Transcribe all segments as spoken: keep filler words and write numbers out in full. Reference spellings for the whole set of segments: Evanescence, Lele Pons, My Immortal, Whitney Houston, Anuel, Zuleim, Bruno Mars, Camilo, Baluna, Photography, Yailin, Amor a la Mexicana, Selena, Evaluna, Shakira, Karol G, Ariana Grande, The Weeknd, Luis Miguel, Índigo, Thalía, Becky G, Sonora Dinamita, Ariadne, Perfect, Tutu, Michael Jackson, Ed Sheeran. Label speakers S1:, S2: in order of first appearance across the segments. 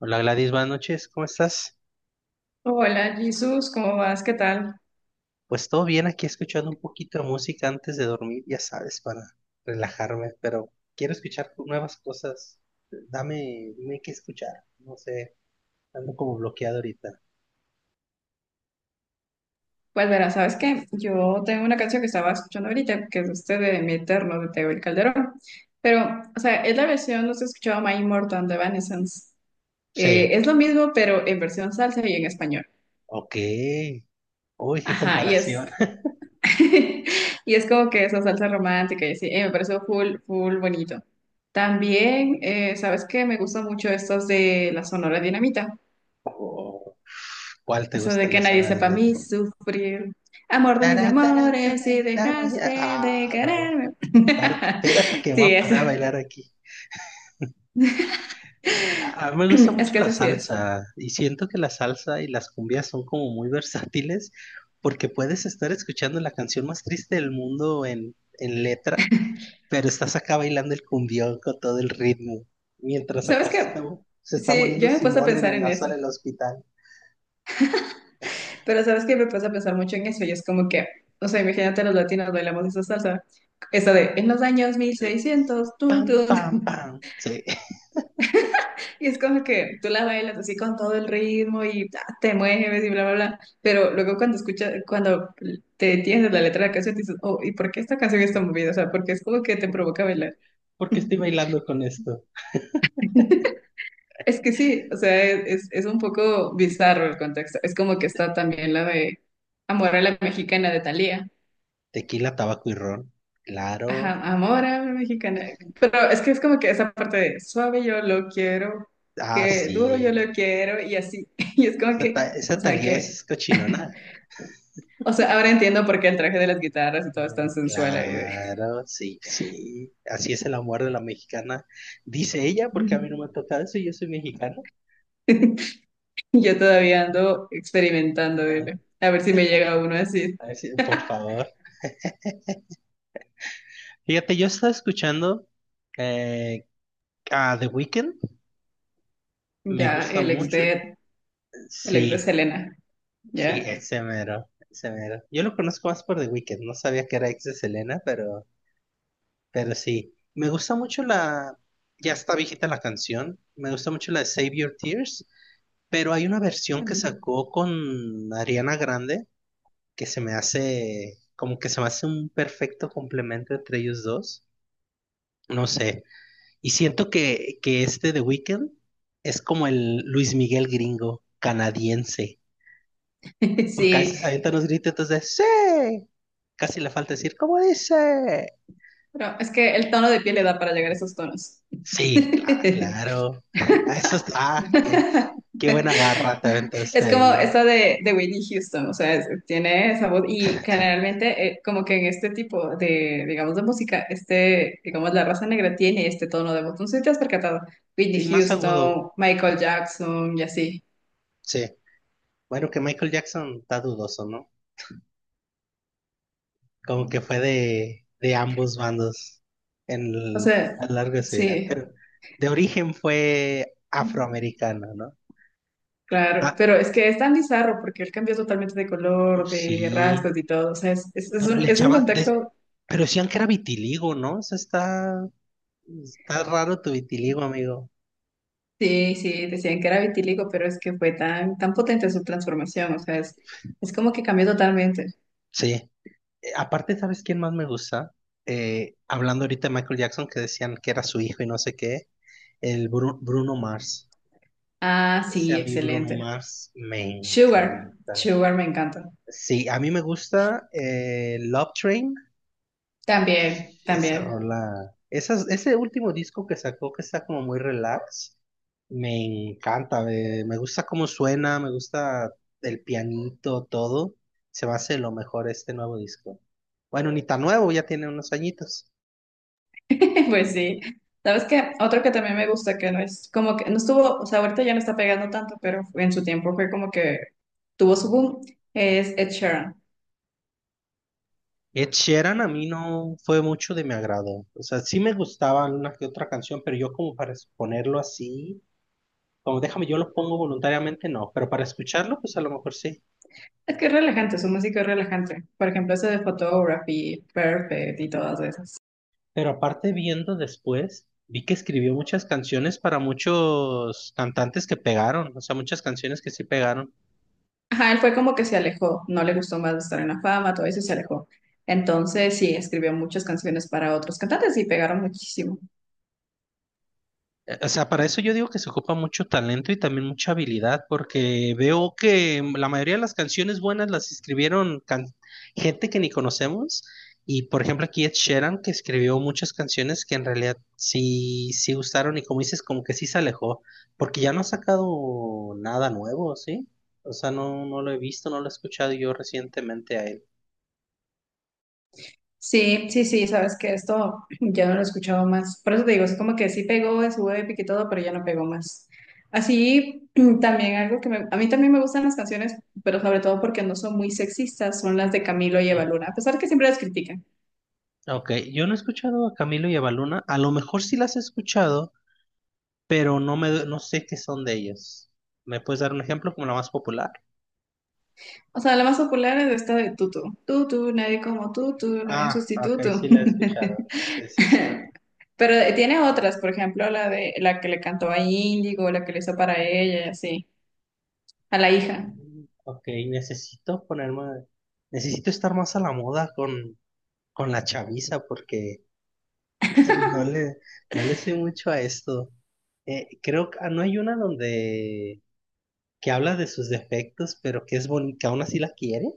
S1: Hola Gladys, buenas noches, ¿cómo estás?
S2: Hola, Jesús, ¿cómo vas? ¿Qué tal?
S1: Pues todo bien, aquí escuchando un poquito de música antes de dormir, ya sabes, para relajarme, pero quiero escuchar nuevas cosas. Dame, dime qué escuchar, no sé, ando como bloqueado ahorita.
S2: Pues verás, ¿sabes qué? Yo tengo una canción que estaba escuchando ahorita, que es este de Mi Eterno, de Teo y Calderón. Pero, o sea, es la versión, no se escuchaba My Immortal de Evanescence. Eh,
S1: Sí.
S2: es lo mismo, pero en versión salsa y en español.
S1: Ok. Uy, qué
S2: Ajá, y
S1: comparación.
S2: es, y es como que esa salsa romántica, y así, eh, me pareció full, full bonito. También, eh, ¿sabes qué? Me gustan mucho estas de la Sonora Dinamita.
S1: Oh, ¿cuál
S2: O
S1: te
S2: sea,
S1: gusta
S2: de
S1: en
S2: que
S1: la
S2: nadie
S1: zona de
S2: sepa a mí
S1: metro?
S2: sufrir. Amor de mis
S1: Tarán, tarán,
S2: amores, si
S1: tarán, dama ya.
S2: dejaste de
S1: Ah, no.
S2: quererme.
S1: Parte- espérate que voy
S2: Sí,
S1: a
S2: eso.
S1: parar a bailar aquí. A mí me gusta
S2: Es
S1: mucho
S2: que
S1: la
S2: eso sí es.
S1: salsa y siento que la salsa y las cumbias son como muy versátiles porque puedes estar escuchando la canción más triste del mundo en, en letra, pero estás acá bailando el cumbión con todo el ritmo, mientras
S2: ¿Sabes
S1: acá se está,
S2: qué?
S1: se está
S2: Sí,
S1: muriendo
S2: yo me he puesto a
S1: Simón en
S2: pensar
S1: el
S2: en eso.
S1: sala del hospital.
S2: Pero ¿sabes qué? Me he puesto a pensar mucho en eso. Y es como que, o sea, imagínate los latinos bailamos esa salsa. Esa de, en los años
S1: Entonces,
S2: mil seiscientos, tú.
S1: pam, pam, pam. Sí.
S2: Y es como que tú la bailas así con todo el ritmo y ta, te mueves y bla, bla, bla. Pero luego cuando escuchas, cuando te entiendes la letra de la canción, dices, oh, ¿y por qué esta canción está movida? O sea, porque es como que te
S1: ¿Por
S2: provoca bailar.
S1: ¿Por qué estoy bailando con esto?
S2: Es que sí, o sea, es, es un poco bizarro el contexto. Es como que está también la de Amor a la Mexicana de Thalía.
S1: Tequila, tabaco y ron.
S2: Ajá,
S1: Claro.
S2: Amor a la Mexicana. Pero es que es como que esa parte de suave yo lo quiero,
S1: Ah,
S2: que
S1: sí.
S2: duro yo lo quiero y así. Y es como
S1: Esa, ta-
S2: que,
S1: esa
S2: o sea,
S1: Thalía
S2: que
S1: es cochinona.
S2: o sea, ahora entiendo por qué el traje de las guitarras y todo es tan
S1: Mm,
S2: sensual ahí. De-
S1: claro, sí, sí. Así es el amor de la mexicana. Dice ella, porque a mí no me ha tocado eso, yo soy mexicano.
S2: Yo todavía ando experimentando,
S1: Ay,
S2: dile. A ver si me llega uno así.
S1: a ver si- por favor. Fíjate, yo estaba escuchando eh, a The Weeknd. Me
S2: Ya,
S1: gusta
S2: el ex
S1: mucho.
S2: de, el ex de
S1: Sí,
S2: Selena.
S1: sí,
S2: Ya.
S1: ese mero, ese mero. Yo lo conozco más por The Weeknd. No sabía que era ex de Selena, pero, pero sí. Me gusta mucho la... Ya está viejita la canción. Me gusta mucho la de Save Your Tears. Pero hay una versión que
S2: Mm.
S1: sacó con Ariana Grande que se me hace como que se me hace un perfecto complemento entre ellos dos. No sé. Y siento que, que este The Weeknd es como el Luis Miguel gringo canadiense. Porque a
S2: Sí,
S1: veces avientan unos gritos de ¡sí! Casi le falta decir ¿cómo dice?
S2: pero es que el tono de piel le da para llegar a esos tonos.
S1: Sí, cla- claro. Ah, eso está. ah, qué, qué buena barra te aventaste
S2: Es como
S1: ahí.
S2: esta de, de Whitney Houston, o sea, es- tiene esa voz y generalmente eh, como que en este tipo de, digamos, de música, este, digamos, la raza negra tiene este tono de voz. No sé si te has percatado, Whitney
S1: Sí, más agudo.
S2: Houston, Michael Jackson y así.
S1: Sí. Bueno, que Michael Jackson está dudoso, ¿no? Como que fue de, de ambos bandos en
S2: O
S1: el- a
S2: sea,
S1: lo largo de su vida.
S2: sí,
S1: Pero de origen fue afroamericano, ¿no?
S2: claro,
S1: Ah,
S2: pero es que es tan bizarro porque él cambió totalmente de color, de
S1: sí,
S2: rasgos y todo, o sea, es, es- es
S1: pero
S2: un,
S1: le
S2: es un
S1: echaban, de-
S2: contexto,
S1: pero decían que era vitiligo, ¿no? O sea, está, está raro tu vitiligo, amigo.
S2: sí, sí, decían que era vitíligo, pero es que fue tan, tan potente su transformación, o sea, es, es como que cambió totalmente.
S1: Sí. Eh, aparte, ¿sabes quién más me gusta? Eh, hablando ahorita de Michael Jackson, que decían que era su hijo y no sé qué, el Bru- Bruno Mars.
S2: Ah,
S1: Ese
S2: sí,
S1: a mí Bruno
S2: excelente.
S1: Mars me
S2: Sugar,
S1: encanta.
S2: Sugar me encanta.
S1: Sí, a mí me gusta eh, Love Train,
S2: También,
S1: esa
S2: también.
S1: rola, esas, ese último disco que sacó que está como muy relax, me encanta, me, me gusta cómo suena, me gusta el pianito, todo, se me hace lo mejor este nuevo disco. Bueno, ni tan nuevo, ya tiene unos añitos.
S2: Pues sí. ¿Sabes qué? Otro que también me gusta, que no es como que no estuvo, o sea, ahorita ya no está pegando tanto, pero en su tiempo fue como que tuvo su boom, es Ed Sheeran.
S1: Ed Sheeran a mí no fue mucho de mi agrado, o sea, sí me gustaba una que otra canción, pero yo como para ponerlo así, como déjame, yo lo pongo voluntariamente, no, pero para escucharlo, pues a lo mejor sí.
S2: Es que es relajante, su música es relajante. Por ejemplo, ese de Photography, Perfect y todas esas.
S1: Pero aparte viendo después, vi que escribió muchas canciones para muchos cantantes que pegaron, o sea, muchas canciones que sí pegaron.
S2: Ajá, él fue como que se alejó, no le gustó más estar en la fama, todo eso y se alejó. Entonces, sí, escribió muchas canciones para otros cantantes y pegaron muchísimo.
S1: O sea, para eso yo digo que se ocupa mucho talento y también mucha habilidad, porque veo que la mayoría de las canciones buenas las escribieron can- gente que ni conocemos. Y por ejemplo, aquí Ed Sheeran, que escribió muchas canciones que en realidad sí, sí gustaron y como dices, como que sí se alejó, porque ya no ha sacado nada nuevo, ¿sí? O sea, no, no lo he visto, no lo he escuchado yo recientemente a él.
S2: Sí, sí, sí, sabes que esto ya no lo he escuchado más. Por eso te digo, es como que sí pegó en su épica y todo, pero ya no pegó más. Así, también algo que me, a mí también me gustan las canciones, pero sobre todo porque no son muy sexistas, son las de Camilo y Evaluna,
S1: Mm.
S2: a pesar que siempre las critican.
S1: Ok, yo no he escuchado a Camilo y a Baluna, a lo mejor sí las he escuchado pero no me, no sé qué son de ellos. ¿Me puedes dar un ejemplo como la más popular?
S2: O sea, la más popular es esta de Tutu. Tutu, nadie como Tutu, no hay
S1: Ah, ok, sí
S2: sustituto.
S1: la he escuchado. Sí, sí, sí.
S2: Pero tiene otras, por ejemplo, la de la que le cantó a Índigo, la que le hizo para ella y así, a la hija.
S1: Mm, ok, necesito ponerme, necesito estar más a la moda con, con la chaviza porque no le, no le sé mucho a esto. Eh, creo que ah, no hay una donde que habla de sus defectos, pero que es bonita, aún así la quiere.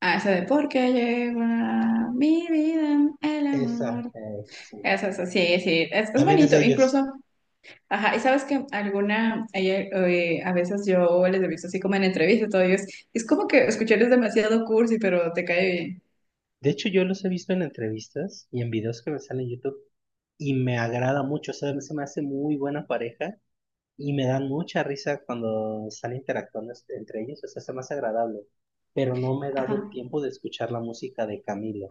S2: Ah, esa de porque llegó a mi vida el
S1: Esa,
S2: amor.
S1: eh, sí.
S2: Esa, esa, sí, sí, es, es
S1: También es de
S2: bonito,
S1: ellos.
S2: incluso. Ajá, y sabes que alguna, ayer, eh, a veces yo les he visto así como en entrevistas, todo, y es, es como que escuchar es demasiado cursi, pero te cae bien.
S1: De hecho, yo los he visto en entrevistas y en videos que me salen en YouTube y me agrada mucho, o sea, se me hace muy buena pareja y me dan mucha risa cuando están interactuando este- entre ellos, o sea, se me hace agradable, pero no me he
S2: Ajá.
S1: dado el tiempo de escuchar la música de Camilo.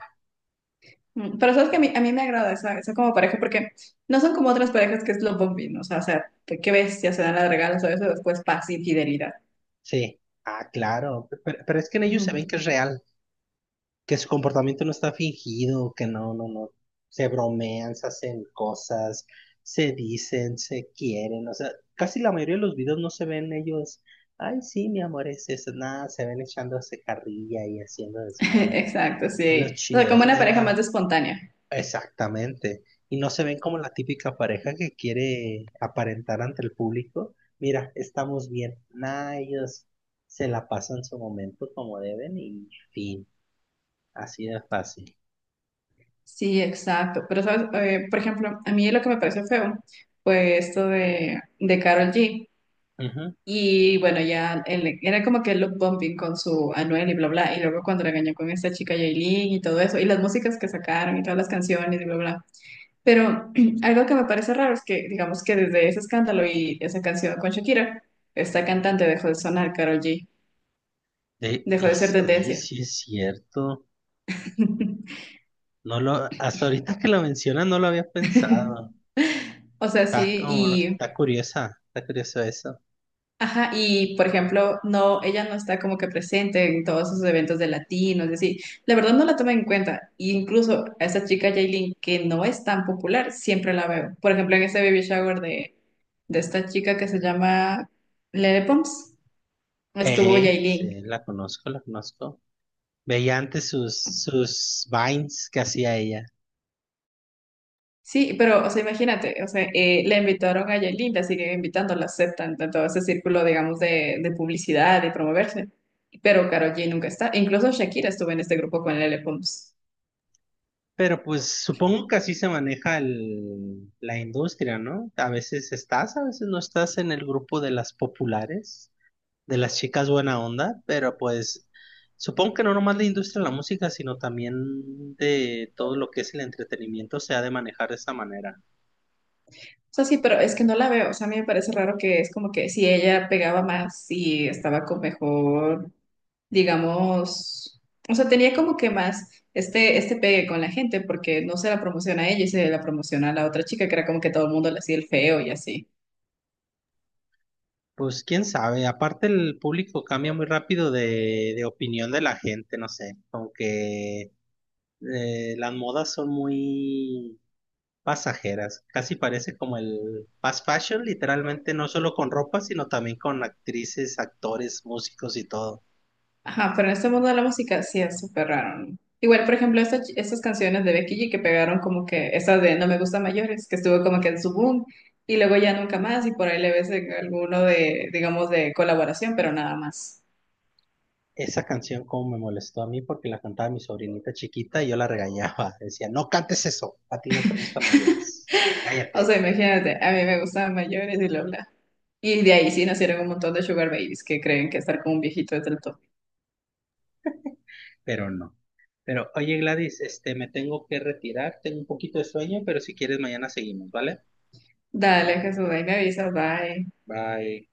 S2: Mm, pero sabes que a mí, a mí me agrada esa, esa como pareja, porque no son como otras parejas que es lo bombín, o sea, o sea, que que ves, ya se dan las regalos o eso, después paz y fidelidad.
S1: Sí, ah, claro, pe- pero, pero es que en ellos se
S2: Ujú.
S1: ven que es real, que su comportamiento no está fingido, que no, no, no, se bromean, se hacen cosas, se dicen, se quieren, o sea, casi la mayoría de los videos no se ven ellos, ay, sí, mi amor, es eso, nada, se ven echándose carrilla y haciendo desmadre.
S2: Exacto,
S1: Es lo
S2: sí. O sea,
S1: chido,
S2: como
S1: es la,
S2: una
S1: es
S2: pareja más
S1: la-
S2: espontánea.
S1: Exactamente. Y no se ven como la típica pareja que quiere aparentar ante el público. Mira, estamos bien. Nah, ellos se la pasan su momento como deben y fin. Así de fácil.
S2: Sí, exacto. Pero, ¿sabes? Eh, por ejemplo, a mí lo que me pareció feo fue esto de, de Karol G.
S1: Ujú.
S2: Y bueno, ya él- era como que el look bumping con su Anuel y bla, bla. Y luego cuando regañó con esta chica Yailin y todo eso, y las músicas que sacaron y todas las canciones y bla, bla. Pero algo que me parece raro es que, digamos que desde ese escándalo y esa canción con Shakira, esta cantante dejó de sonar Karol G,
S1: De,
S2: dejó
S1: y,
S2: de ser
S1: si- Oye,
S2: tendencia.
S1: sí es cierto. No lo, Hasta ahorita que lo mencionas no lo había pensado.
S2: O sea,
S1: Está como,
S2: sí.
S1: está curiosa, está curioso eso.
S2: Ajá, y por ejemplo, no, ella no está como que presente en todos esos eventos de latinos, es decir, la verdad no la toma en cuenta. E incluso a esa chica Jailin, que no es tan popular, siempre la veo. Por ejemplo, en ese baby shower de, de esta chica que se llama Lele Pons, estuvo
S1: Eh,
S2: Yailin.
S1: sí, la conozco, la conozco. Veía antes sus, sus vines que hacía ella.
S2: Sí, pero, o sea, imagínate, o sea, eh, le invitaron a Yailin, la siguen invitando, la aceptan, de todo ese círculo, digamos, de, de publicidad y promoverse. Pero Karol G nunca está. Incluso Shakira estuvo en este grupo con Lele Pons.
S1: Pero pues supongo que así se maneja el, la industria, ¿no? A veces estás, a veces no estás en el grupo de las populares, de las chicas buena onda, pero pues supongo que no nomás la industria de la música, sino también de todo lo que es el entretenimiento se ha de manejar de esa manera.
S2: O sea, sí, pero es que no la veo. O sea, a mí me parece raro que es como que si ella pegaba más y estaba con mejor, digamos, o sea, tenía como que más este, este pegue con la gente porque no se la promociona a ella y se la promociona a la otra chica, que era como que todo el mundo le hacía el feo y así.
S1: Pues quién sabe, aparte el público cambia muy rápido de, de opinión de la gente, no sé, aunque eh, las modas son muy pasajeras, casi parece como el fast fashion, literalmente no solo con ropa, sino también con actrices, actores, músicos y todo.
S2: Ajá, pero en este mundo de la música sí es súper raro. ¿No? Igual, por ejemplo, estas, estas canciones de Becky G que pegaron como que, esta de No me gusta mayores, que estuvo como que en su boom y luego ya nunca más y por ahí le ves en alguno de, digamos, de colaboración, pero nada más.
S1: Esa canción como me molestó a mí porque la cantaba mi sobrinita chiquita y yo la regañaba. Decía, no cantes eso, a ti no te gustan mayores.
S2: O
S1: Cállate,
S2: sea, imagínate, a mí me gustaban mayores y bla, bla. Y de ahí sí nacieron un montón de sugar babies que creen que estar con un viejito es del top.
S1: pero no. Pero oye Gladys, este, me tengo que retirar, tengo un poquito de sueño, pero si quieres mañana seguimos, ¿vale?
S2: Dale, Jesús, ahí me avisas, bye.
S1: Bye.